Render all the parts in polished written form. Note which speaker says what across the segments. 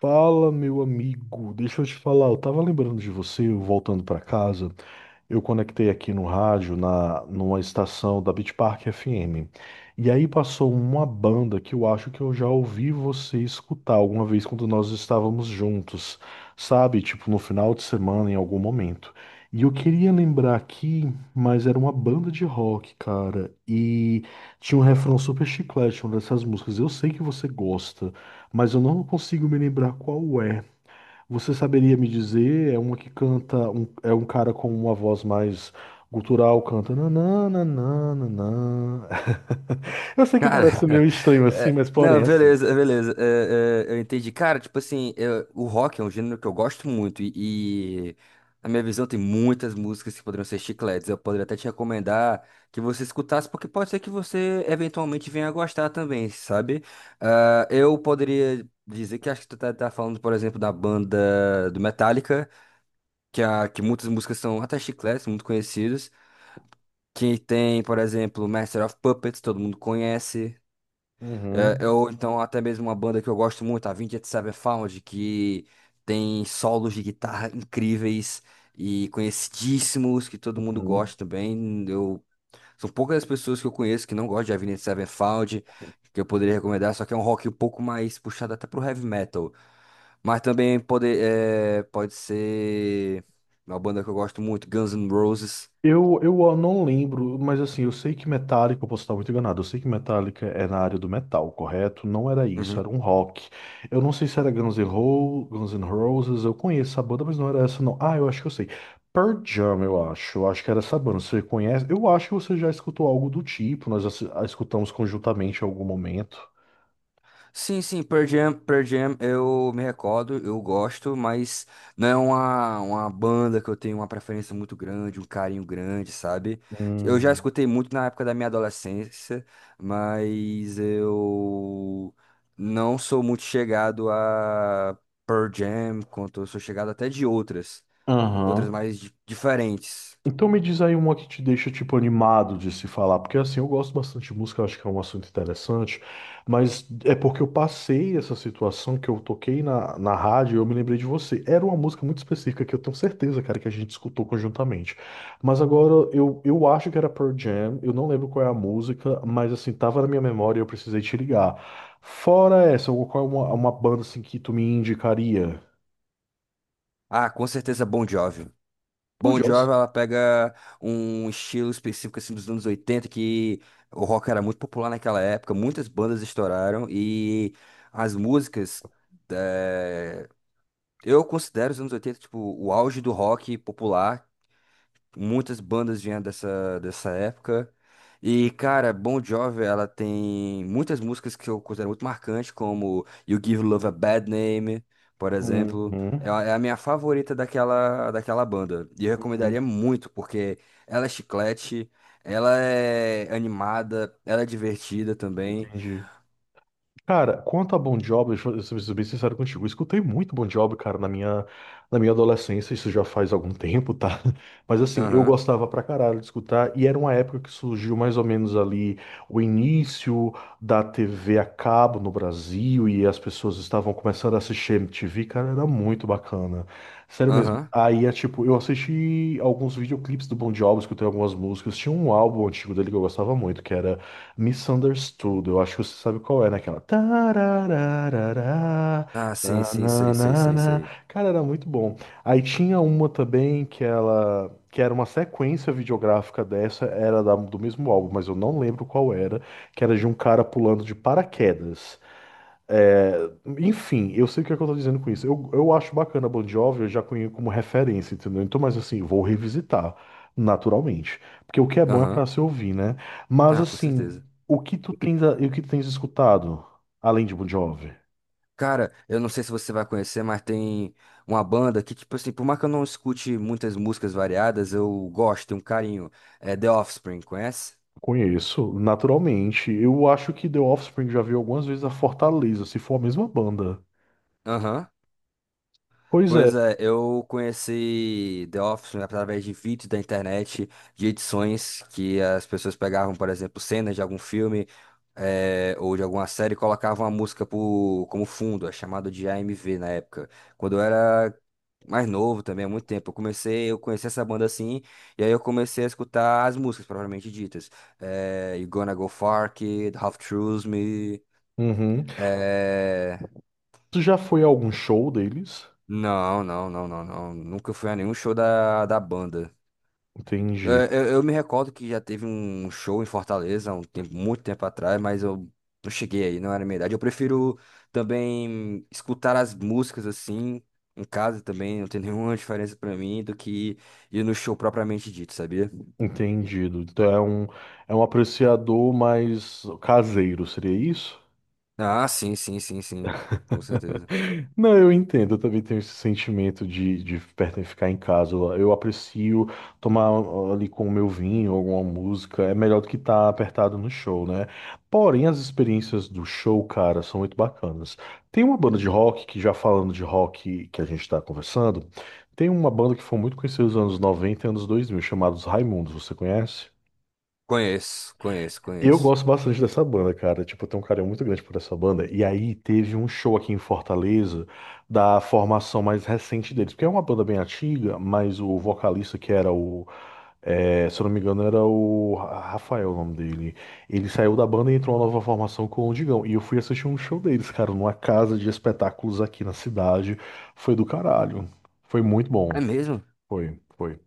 Speaker 1: Fala, meu amigo. Deixa eu te falar, eu tava lembrando de você, eu voltando pra casa. Eu conectei aqui no rádio, numa estação da Beach Park FM. E aí passou uma banda que eu acho que eu já ouvi você escutar alguma vez quando nós estávamos juntos, sabe? Tipo no final de semana, em algum momento. E eu queria lembrar aqui, mas era uma banda de rock, cara. E tinha um refrão super chiclete, uma dessas músicas. Eu sei que você gosta, mas eu não consigo me lembrar qual é. Você saberia me dizer? É uma que canta, é um cara com uma voz mais gutural, canta nananana. Eu sei que
Speaker 2: Cara,
Speaker 1: parece meio estranho assim,
Speaker 2: é,
Speaker 1: mas porém
Speaker 2: não,
Speaker 1: é assim.
Speaker 2: beleza, beleza. Eu entendi. Cara, tipo assim, o rock é um gênero que eu gosto muito e na minha visão tem muitas músicas que poderiam ser chicletes. Eu poderia até te recomendar que você escutasse, porque pode ser que você eventualmente venha a gostar também, sabe? Eu poderia dizer que acho que tu tá falando, por exemplo, da banda do Metallica, que muitas músicas são até chicletes, muito conhecidas. Que tem, por exemplo, Master of Puppets, todo mundo conhece.
Speaker 1: Uhum,
Speaker 2: É, ou então até mesmo uma banda que eu gosto muito, a Avenged Sevenfold, que tem solos de guitarra incríveis e conhecidíssimos, que todo mundo
Speaker 1: uhum.
Speaker 2: gosta também. São poucas as pessoas que eu conheço que não gostam de Avenged Sevenfold, que eu poderia recomendar, só que é um rock um pouco mais puxado até pro heavy metal. Mas também pode ser uma banda que eu gosto muito, Guns N' Roses.
Speaker 1: Eu não lembro, mas assim, eu sei que Metallica, eu posso estar muito enganado, eu sei que Metallica é na área do metal, correto? Não era isso, era um rock. Eu não sei se era Guns N' Roses, eu conheço a banda, mas não era essa não. Ah, eu acho que eu sei. Pearl Jam, eu acho que era essa banda, você conhece? Eu acho que você já escutou algo do tipo, nós a escutamos conjuntamente em algum momento.
Speaker 2: Sim, sim, Pearl Jam, eu me recordo, eu gosto, mas não é uma banda que eu tenho uma preferência muito grande, um carinho grande, sabe? Eu já
Speaker 1: Hum.
Speaker 2: escutei muito na época da minha adolescência, mas eu não sou muito chegado a Pearl Jam, quanto eu sou chegado até de outras,
Speaker 1: Aham.
Speaker 2: diferentes.
Speaker 1: Então me diz aí uma que te deixa, tipo, animado de se falar, porque assim, eu gosto bastante de música, eu acho que é um assunto interessante, mas é porque eu passei essa situação que eu toquei na rádio e eu me lembrei de você. Era uma música muito específica que eu tenho certeza, cara, que a gente escutou conjuntamente. Mas agora eu acho que era Pearl Jam, eu não lembro qual é a música, mas assim, tava na minha memória e eu precisei te ligar. Fora essa, qual é uma banda assim que tu me indicaria?
Speaker 2: Ah, com certeza Bon Jovi.
Speaker 1: Pô,
Speaker 2: Bon
Speaker 1: Jones.
Speaker 2: Jovi, ela pega um estilo específico assim dos anos 80 que o rock era muito popular naquela época, muitas bandas estouraram e as músicas eh, eu considero os anos 80 tipo o auge do rock popular. Muitas bandas vinham dessa época. E, cara, Bon Jovi, ela tem muitas músicas que eu considero muito marcantes, como You Give Love a Bad Name, por exemplo.
Speaker 1: Uhum,
Speaker 2: É a minha favorita daquela banda. E eu
Speaker 1: uhum,
Speaker 2: recomendaria muito, porque ela é chiclete, ela é animada, ela é divertida também.
Speaker 1: entendi. Cara, quanto a Bon Jovi, deixa eu ser bem sincero contigo, eu escutei muito Bon Jovi, cara, na minha adolescência, isso já faz algum tempo, tá? Mas assim, eu
Speaker 2: Aham,
Speaker 1: gostava pra caralho de escutar, e era uma época que surgiu mais ou menos ali o início da TV a cabo no Brasil, e as pessoas estavam começando a assistir MTV, cara, era muito bacana. Sério mesmo.
Speaker 2: aham.
Speaker 1: Aí é tipo, eu assisti alguns videoclipes do Bon Jovi, escutei algumas músicas, tinha um álbum antigo dele que eu gostava muito, que era Misunderstood, eu acho que você sabe qual é, naquela. Tararararará,
Speaker 2: Ah, sim, sim, sei, sei, sei,
Speaker 1: tananana.
Speaker 2: sei.
Speaker 1: Cara, era muito bom. Aí tinha uma também que ela. Que era uma sequência videográfica dessa, era do mesmo álbum, mas eu não lembro qual era, que era de um cara pulando de paraquedas. É, enfim, eu sei o que é que eu tô dizendo com isso. Eu acho bacana a Bon Jovi, eu já conheço como referência, entendeu? Então, mas assim, vou revisitar, naturalmente. Porque o que é bom é pra
Speaker 2: Aham.
Speaker 1: se ouvir, né? Mas
Speaker 2: Ah, com
Speaker 1: assim,
Speaker 2: certeza.
Speaker 1: o que tu tens escutado, além de Bon Jovi?
Speaker 2: Cara, eu não sei se você vai conhecer, mas tem uma banda que, tipo assim, por mais que eu não escute muitas músicas variadas, eu gosto, tenho um carinho. É The Offspring, conhece?
Speaker 1: Conheço, naturalmente. Eu acho que The Offspring já veio algumas vezes a Fortaleza, se for a mesma banda.
Speaker 2: Aham.
Speaker 1: Pois
Speaker 2: Pois
Speaker 1: é.
Speaker 2: é, eu conheci The Office através de vídeos da internet, de edições que as pessoas pegavam, por exemplo, cenas de algum filme ou de alguma série e colocavam a música por, como fundo, é chamado de AMV na época. Quando eu era mais novo também, há muito tempo, eu conheci essa banda assim, e aí eu comecei a escutar as músicas propriamente ditas. You Gonna Go Far, Kid, Half Truth Me,
Speaker 1: Uhum.
Speaker 2: eh,
Speaker 1: Tu já foi a algum show deles?
Speaker 2: Não, não, não, não, não. Nunca fui a nenhum show da banda.
Speaker 1: Entendi.
Speaker 2: É, eu me recordo que já teve um show em Fortaleza, há um tempo, muito tempo atrás, mas eu não cheguei aí, não era a minha idade. Eu prefiro também escutar as músicas assim, em casa também, não tem nenhuma diferença pra mim do que ir no show propriamente dito, sabia?
Speaker 1: Entendido. Então é um apreciador mais caseiro, seria isso?
Speaker 2: Ah, sim, sim, sim, sim. Com certeza.
Speaker 1: Não, eu entendo. Eu também tenho esse sentimento de, ficar em casa. Eu aprecio tomar ali com o meu vinho, alguma música. É melhor do que estar apertado no show, né? Porém, as experiências do show, cara, são muito bacanas. Tem uma banda de rock, que já falando de rock que a gente está conversando, tem uma banda que foi muito conhecida nos anos 90, e anos 2000, chamados Raimundos. Você conhece?
Speaker 2: Conheço, conheço,
Speaker 1: Eu
Speaker 2: conheço.
Speaker 1: gosto bastante dessa banda, cara. Tipo, eu tenho um carinho muito grande por essa banda. E aí teve um show aqui em Fortaleza da formação mais recente deles, porque é uma banda bem antiga, mas o vocalista que era o, é, se eu não me engano, era o Rafael, o nome dele. Ele saiu da banda e entrou uma nova formação com o Digão. E eu fui assistir um show deles, cara, numa casa de espetáculos aqui na cidade. Foi do caralho. Foi muito
Speaker 2: É
Speaker 1: bom.
Speaker 2: mesmo?
Speaker 1: Foi, foi.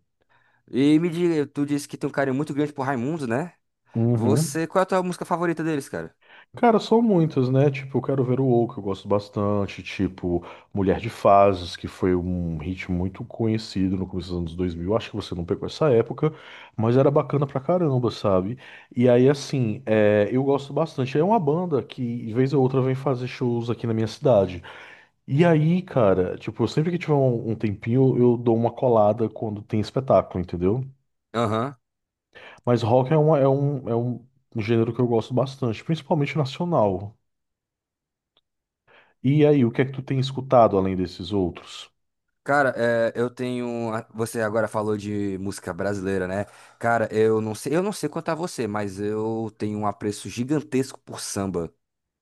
Speaker 2: E me diga, tu disse que tem um carinho muito grande por Raimundo, né? Você, qual é a tua música favorita deles, cara?
Speaker 1: Cara, são muitas, né? Tipo, eu quero ver o O, que eu gosto bastante. Tipo, Mulher de Fases, que foi um hit muito conhecido no começo dos anos 2000. Acho que você não pegou essa época, mas era bacana pra caramba, sabe? E aí, assim, é, eu gosto bastante. É uma banda que, de vez ou outra, vem fazer shows aqui na minha cidade. E aí, cara, tipo, sempre que tiver um tempinho, eu dou uma colada quando tem espetáculo, entendeu?
Speaker 2: Aham.
Speaker 1: Mas rock é um gênero que eu gosto bastante, principalmente nacional. E aí, o que é que tu tem escutado além desses outros?
Speaker 2: Cara, é, Você agora falou de música brasileira, né? Cara, eu não sei quanto a você, mas eu tenho um apreço gigantesco por samba.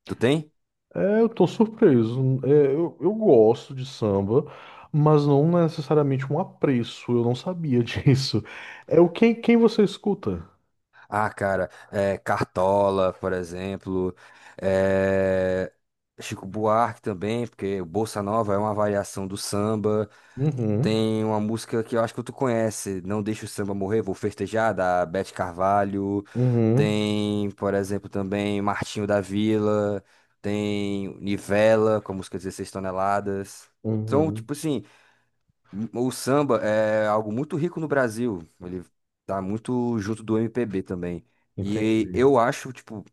Speaker 2: Tu tem?
Speaker 1: É, eu tô surpreso. É, eu gosto de samba, mas não necessariamente um apreço. Eu não sabia disso. É o quem você escuta?
Speaker 2: Ah, cara, é, Cartola, por exemplo, é, Chico Buarque também, porque o Bossa Nova é uma variação do samba.
Speaker 1: Uhum,
Speaker 2: Tem uma música que eu acho que tu conhece, Não Deixa o Samba Morrer, Vou Festejar, da Beth Carvalho.
Speaker 1: uhum,
Speaker 2: Tem, por exemplo, também Martinho da Vila. Tem Nivela, com a música Dezesseis Toneladas. Então,
Speaker 1: uhum.
Speaker 2: tipo assim, o samba é algo muito rico no Brasil. Ele tá muito junto do MPB também. E
Speaker 1: Entendi.
Speaker 2: eu acho, tipo,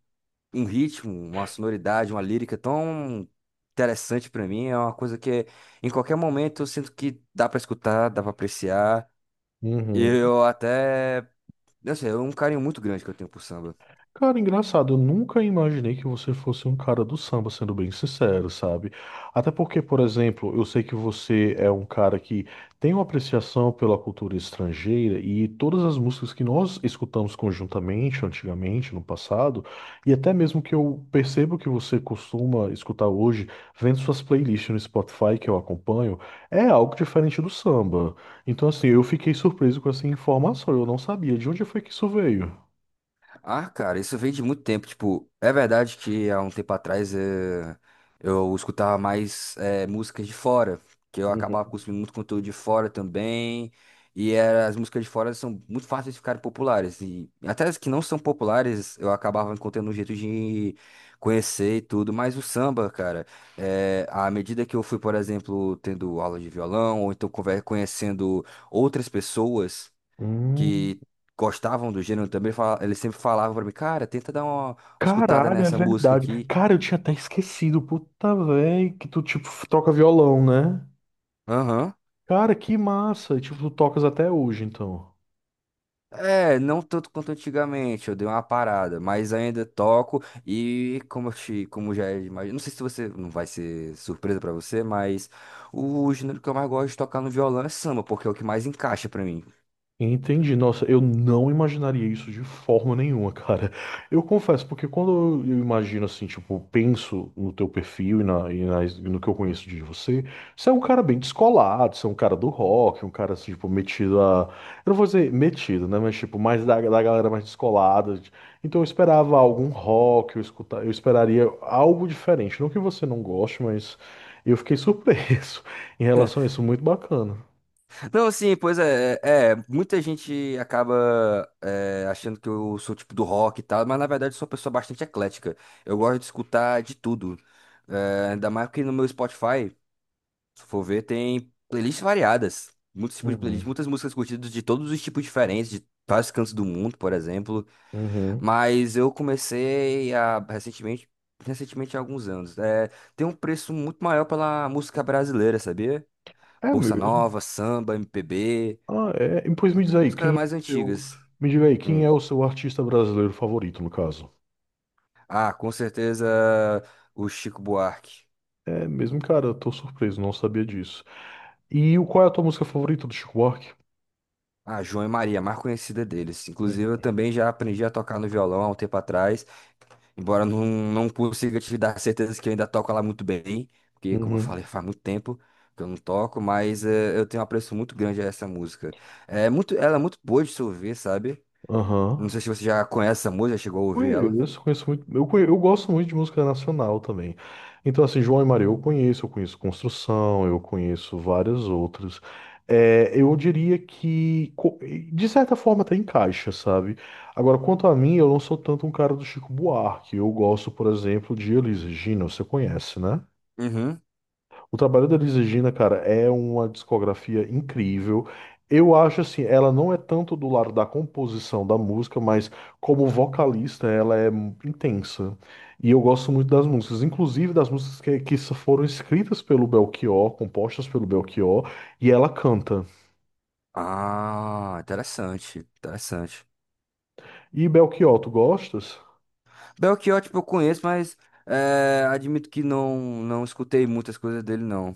Speaker 2: um ritmo, uma sonoridade, uma lírica tão interessante pra mim. É uma coisa que em qualquer momento eu sinto que dá pra escutar, dá pra apreciar.
Speaker 1: Uhum.
Speaker 2: eu até, não sei, é um carinho muito grande que eu tenho por samba.
Speaker 1: Cara, engraçado, eu nunca imaginei que você fosse um cara do samba, sendo bem sincero, sabe? Até porque, por exemplo, eu sei que você é um cara que tem uma apreciação pela cultura estrangeira e todas as músicas que nós escutamos conjuntamente, antigamente, no passado, e até mesmo que eu percebo que você costuma escutar hoje, vendo suas playlists no Spotify que eu acompanho, é algo diferente do samba. Então, assim, eu fiquei surpreso com essa informação, eu não sabia de onde foi que isso veio.
Speaker 2: Ah, cara, isso vem de muito tempo. Tipo, é verdade que há um tempo atrás eu escutava mais músicas de fora, que eu acabava
Speaker 1: Uhum.
Speaker 2: consumindo muito conteúdo de fora também. As músicas de fora são muito fáceis de ficarem populares. E até as que não são populares, eu acabava encontrando um jeito de conhecer e tudo. Mas o samba, cara, à medida que eu fui, por exemplo, tendo aula de violão, ou então conhecendo outras pessoas
Speaker 1: Hum.
Speaker 2: que gostavam do gênero também, eles sempre falavam pra mim, cara, tenta dar uma escutada
Speaker 1: Caralho, é
Speaker 2: nessa música
Speaker 1: verdade.
Speaker 2: aqui.
Speaker 1: Cara, eu tinha até esquecido, puta véi, que tu, tipo, troca violão, né?
Speaker 2: Aham.
Speaker 1: Cara, que massa. E, tipo, tu tocas até hoje, então.
Speaker 2: É, não tanto quanto antigamente, eu dei uma parada, mas ainda toco e como eu te, como já é, mas não sei se você, não vai ser surpresa pra você, mas o gênero que eu mais gosto de tocar no violão é samba, porque é o que mais encaixa pra mim.
Speaker 1: Entendi. Nossa, eu não imaginaria isso de forma nenhuma, cara. Eu confesso, porque quando eu imagino assim, tipo, penso no teu perfil e no que eu conheço de você, você é um cara bem descolado, você é um cara do rock, um cara assim, tipo, metido a. Eu não vou dizer metido, né? Mas tipo, mais da galera mais descolada. Então eu esperava algum rock, eu escutar, eu esperaria algo diferente. Não que você não goste, mas eu fiquei surpreso em relação a isso. Muito bacana.
Speaker 2: Não, sim, pois é, muita gente acaba achando que eu sou tipo do rock e tal, mas na verdade eu sou uma pessoa bastante eclética. Eu gosto de escutar de tudo. É, ainda mais que no meu Spotify, se for ver, tem playlists variadas, muitos tipos de playlists,
Speaker 1: Uhum.
Speaker 2: muitas músicas curtidas de todos os tipos diferentes, de vários cantos do mundo, por exemplo.
Speaker 1: Uhum.
Speaker 2: Mas eu comecei a recentemente há alguns anos. É, tem um preço muito maior pela música brasileira, sabia?
Speaker 1: É
Speaker 2: Bolsa
Speaker 1: mesmo.
Speaker 2: Nova, samba, MPB.
Speaker 1: Ah, é. E, pois me diz
Speaker 2: Até
Speaker 1: aí,
Speaker 2: músicas
Speaker 1: quem é
Speaker 2: mais
Speaker 1: o teu.
Speaker 2: antigas.
Speaker 1: Me diga aí, quem
Speaker 2: Hum.
Speaker 1: é o seu artista brasileiro favorito, no caso?
Speaker 2: Ah, com certeza o Chico Buarque.
Speaker 1: É mesmo, cara, eu tô surpreso, não sabia disso. E o- qual é a tua música favorita do Chico Buarque?
Speaker 2: Ah, João e Maria, a mais conhecida deles. Inclusive, eu também já aprendi a tocar no violão há um tempo atrás, embora não consiga te dar certeza que eu ainda toco lá muito bem, porque, como eu falei,
Speaker 1: Uhum.
Speaker 2: faz muito tempo que eu não toco, mas eu tenho um apreço muito grande a essa música. É muito, ela é muito boa de se ouvir, sabe? Não
Speaker 1: Aham.
Speaker 2: sei se você já conhece essa música, chegou a ouvir ela.
Speaker 1: Conheço, conheço muito. Eu, eu gosto muito de música nacional também. Então, assim, João e Maria eu conheço Construção, eu conheço várias outras. É, eu diria que, de certa forma, até encaixa, sabe? Agora, quanto a mim, eu não sou tanto um cara do Chico Buarque. Eu gosto, por exemplo, de Elis Regina, você conhece, né?
Speaker 2: Uhum.
Speaker 1: O trabalho da Elis Regina, cara, é uma discografia incrível. Eu acho assim, ela não é tanto do lado da composição da música, mas como vocalista ela é intensa. E eu gosto muito das músicas, inclusive das músicas que foram escritas pelo Belchior, compostas pelo Belchior, e ela canta.
Speaker 2: Ah, interessante, interessante.
Speaker 1: E Belchior, tu gostas?
Speaker 2: Belchior, tipo, eu conheço, mas é, admito que não, não escutei muitas coisas dele, não.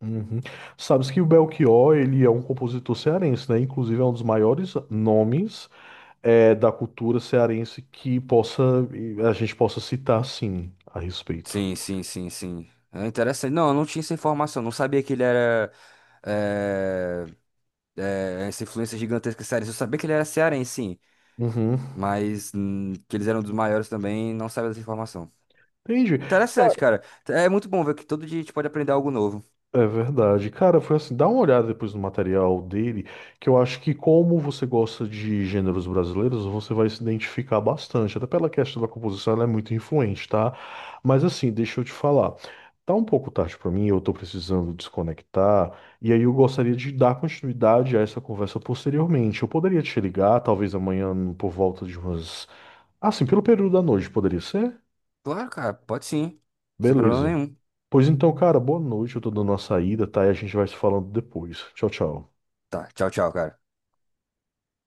Speaker 1: Uhum. Sabes que o Belchior, ele é um compositor cearense, né? Inclusive é um dos maiores nomes da cultura cearense que possa a gente possa citar sim a respeito.
Speaker 2: Sim, sim, sim, sim. É interessante. Não, eu não tinha essa informação. Não sabia que ele era é, essa influência gigantesca cearense. Eu sabia que ele era cearense, sim.
Speaker 1: Uhum.
Speaker 2: Mas que eles eram dos maiores também, não sabia dessa informação.
Speaker 1: Entendi.
Speaker 2: Interessante, cara. É muito bom ver que todo dia a gente pode aprender algo novo.
Speaker 1: É verdade. Cara, foi assim, dá uma olhada depois no material dele, que eu acho que como você gosta de gêneros brasileiros, você vai se identificar bastante. Até pela questão da composição, ela é muito influente, tá? Mas assim, deixa eu te falar. Tá um pouco tarde pra mim, eu tô precisando desconectar, e aí eu gostaria de dar continuidade a essa conversa posteriormente. Eu poderia te ligar, talvez amanhã por volta de umas... Assim, pelo período da noite, poderia ser?
Speaker 2: Claro, cara, pode sim. Sem problema
Speaker 1: Beleza.
Speaker 2: nenhum.
Speaker 1: Pois então, cara, boa noite. Eu tô dando uma saída, tá? E a gente vai se falando depois. Tchau, tchau.
Speaker 2: Tá, tchau, tchau, cara.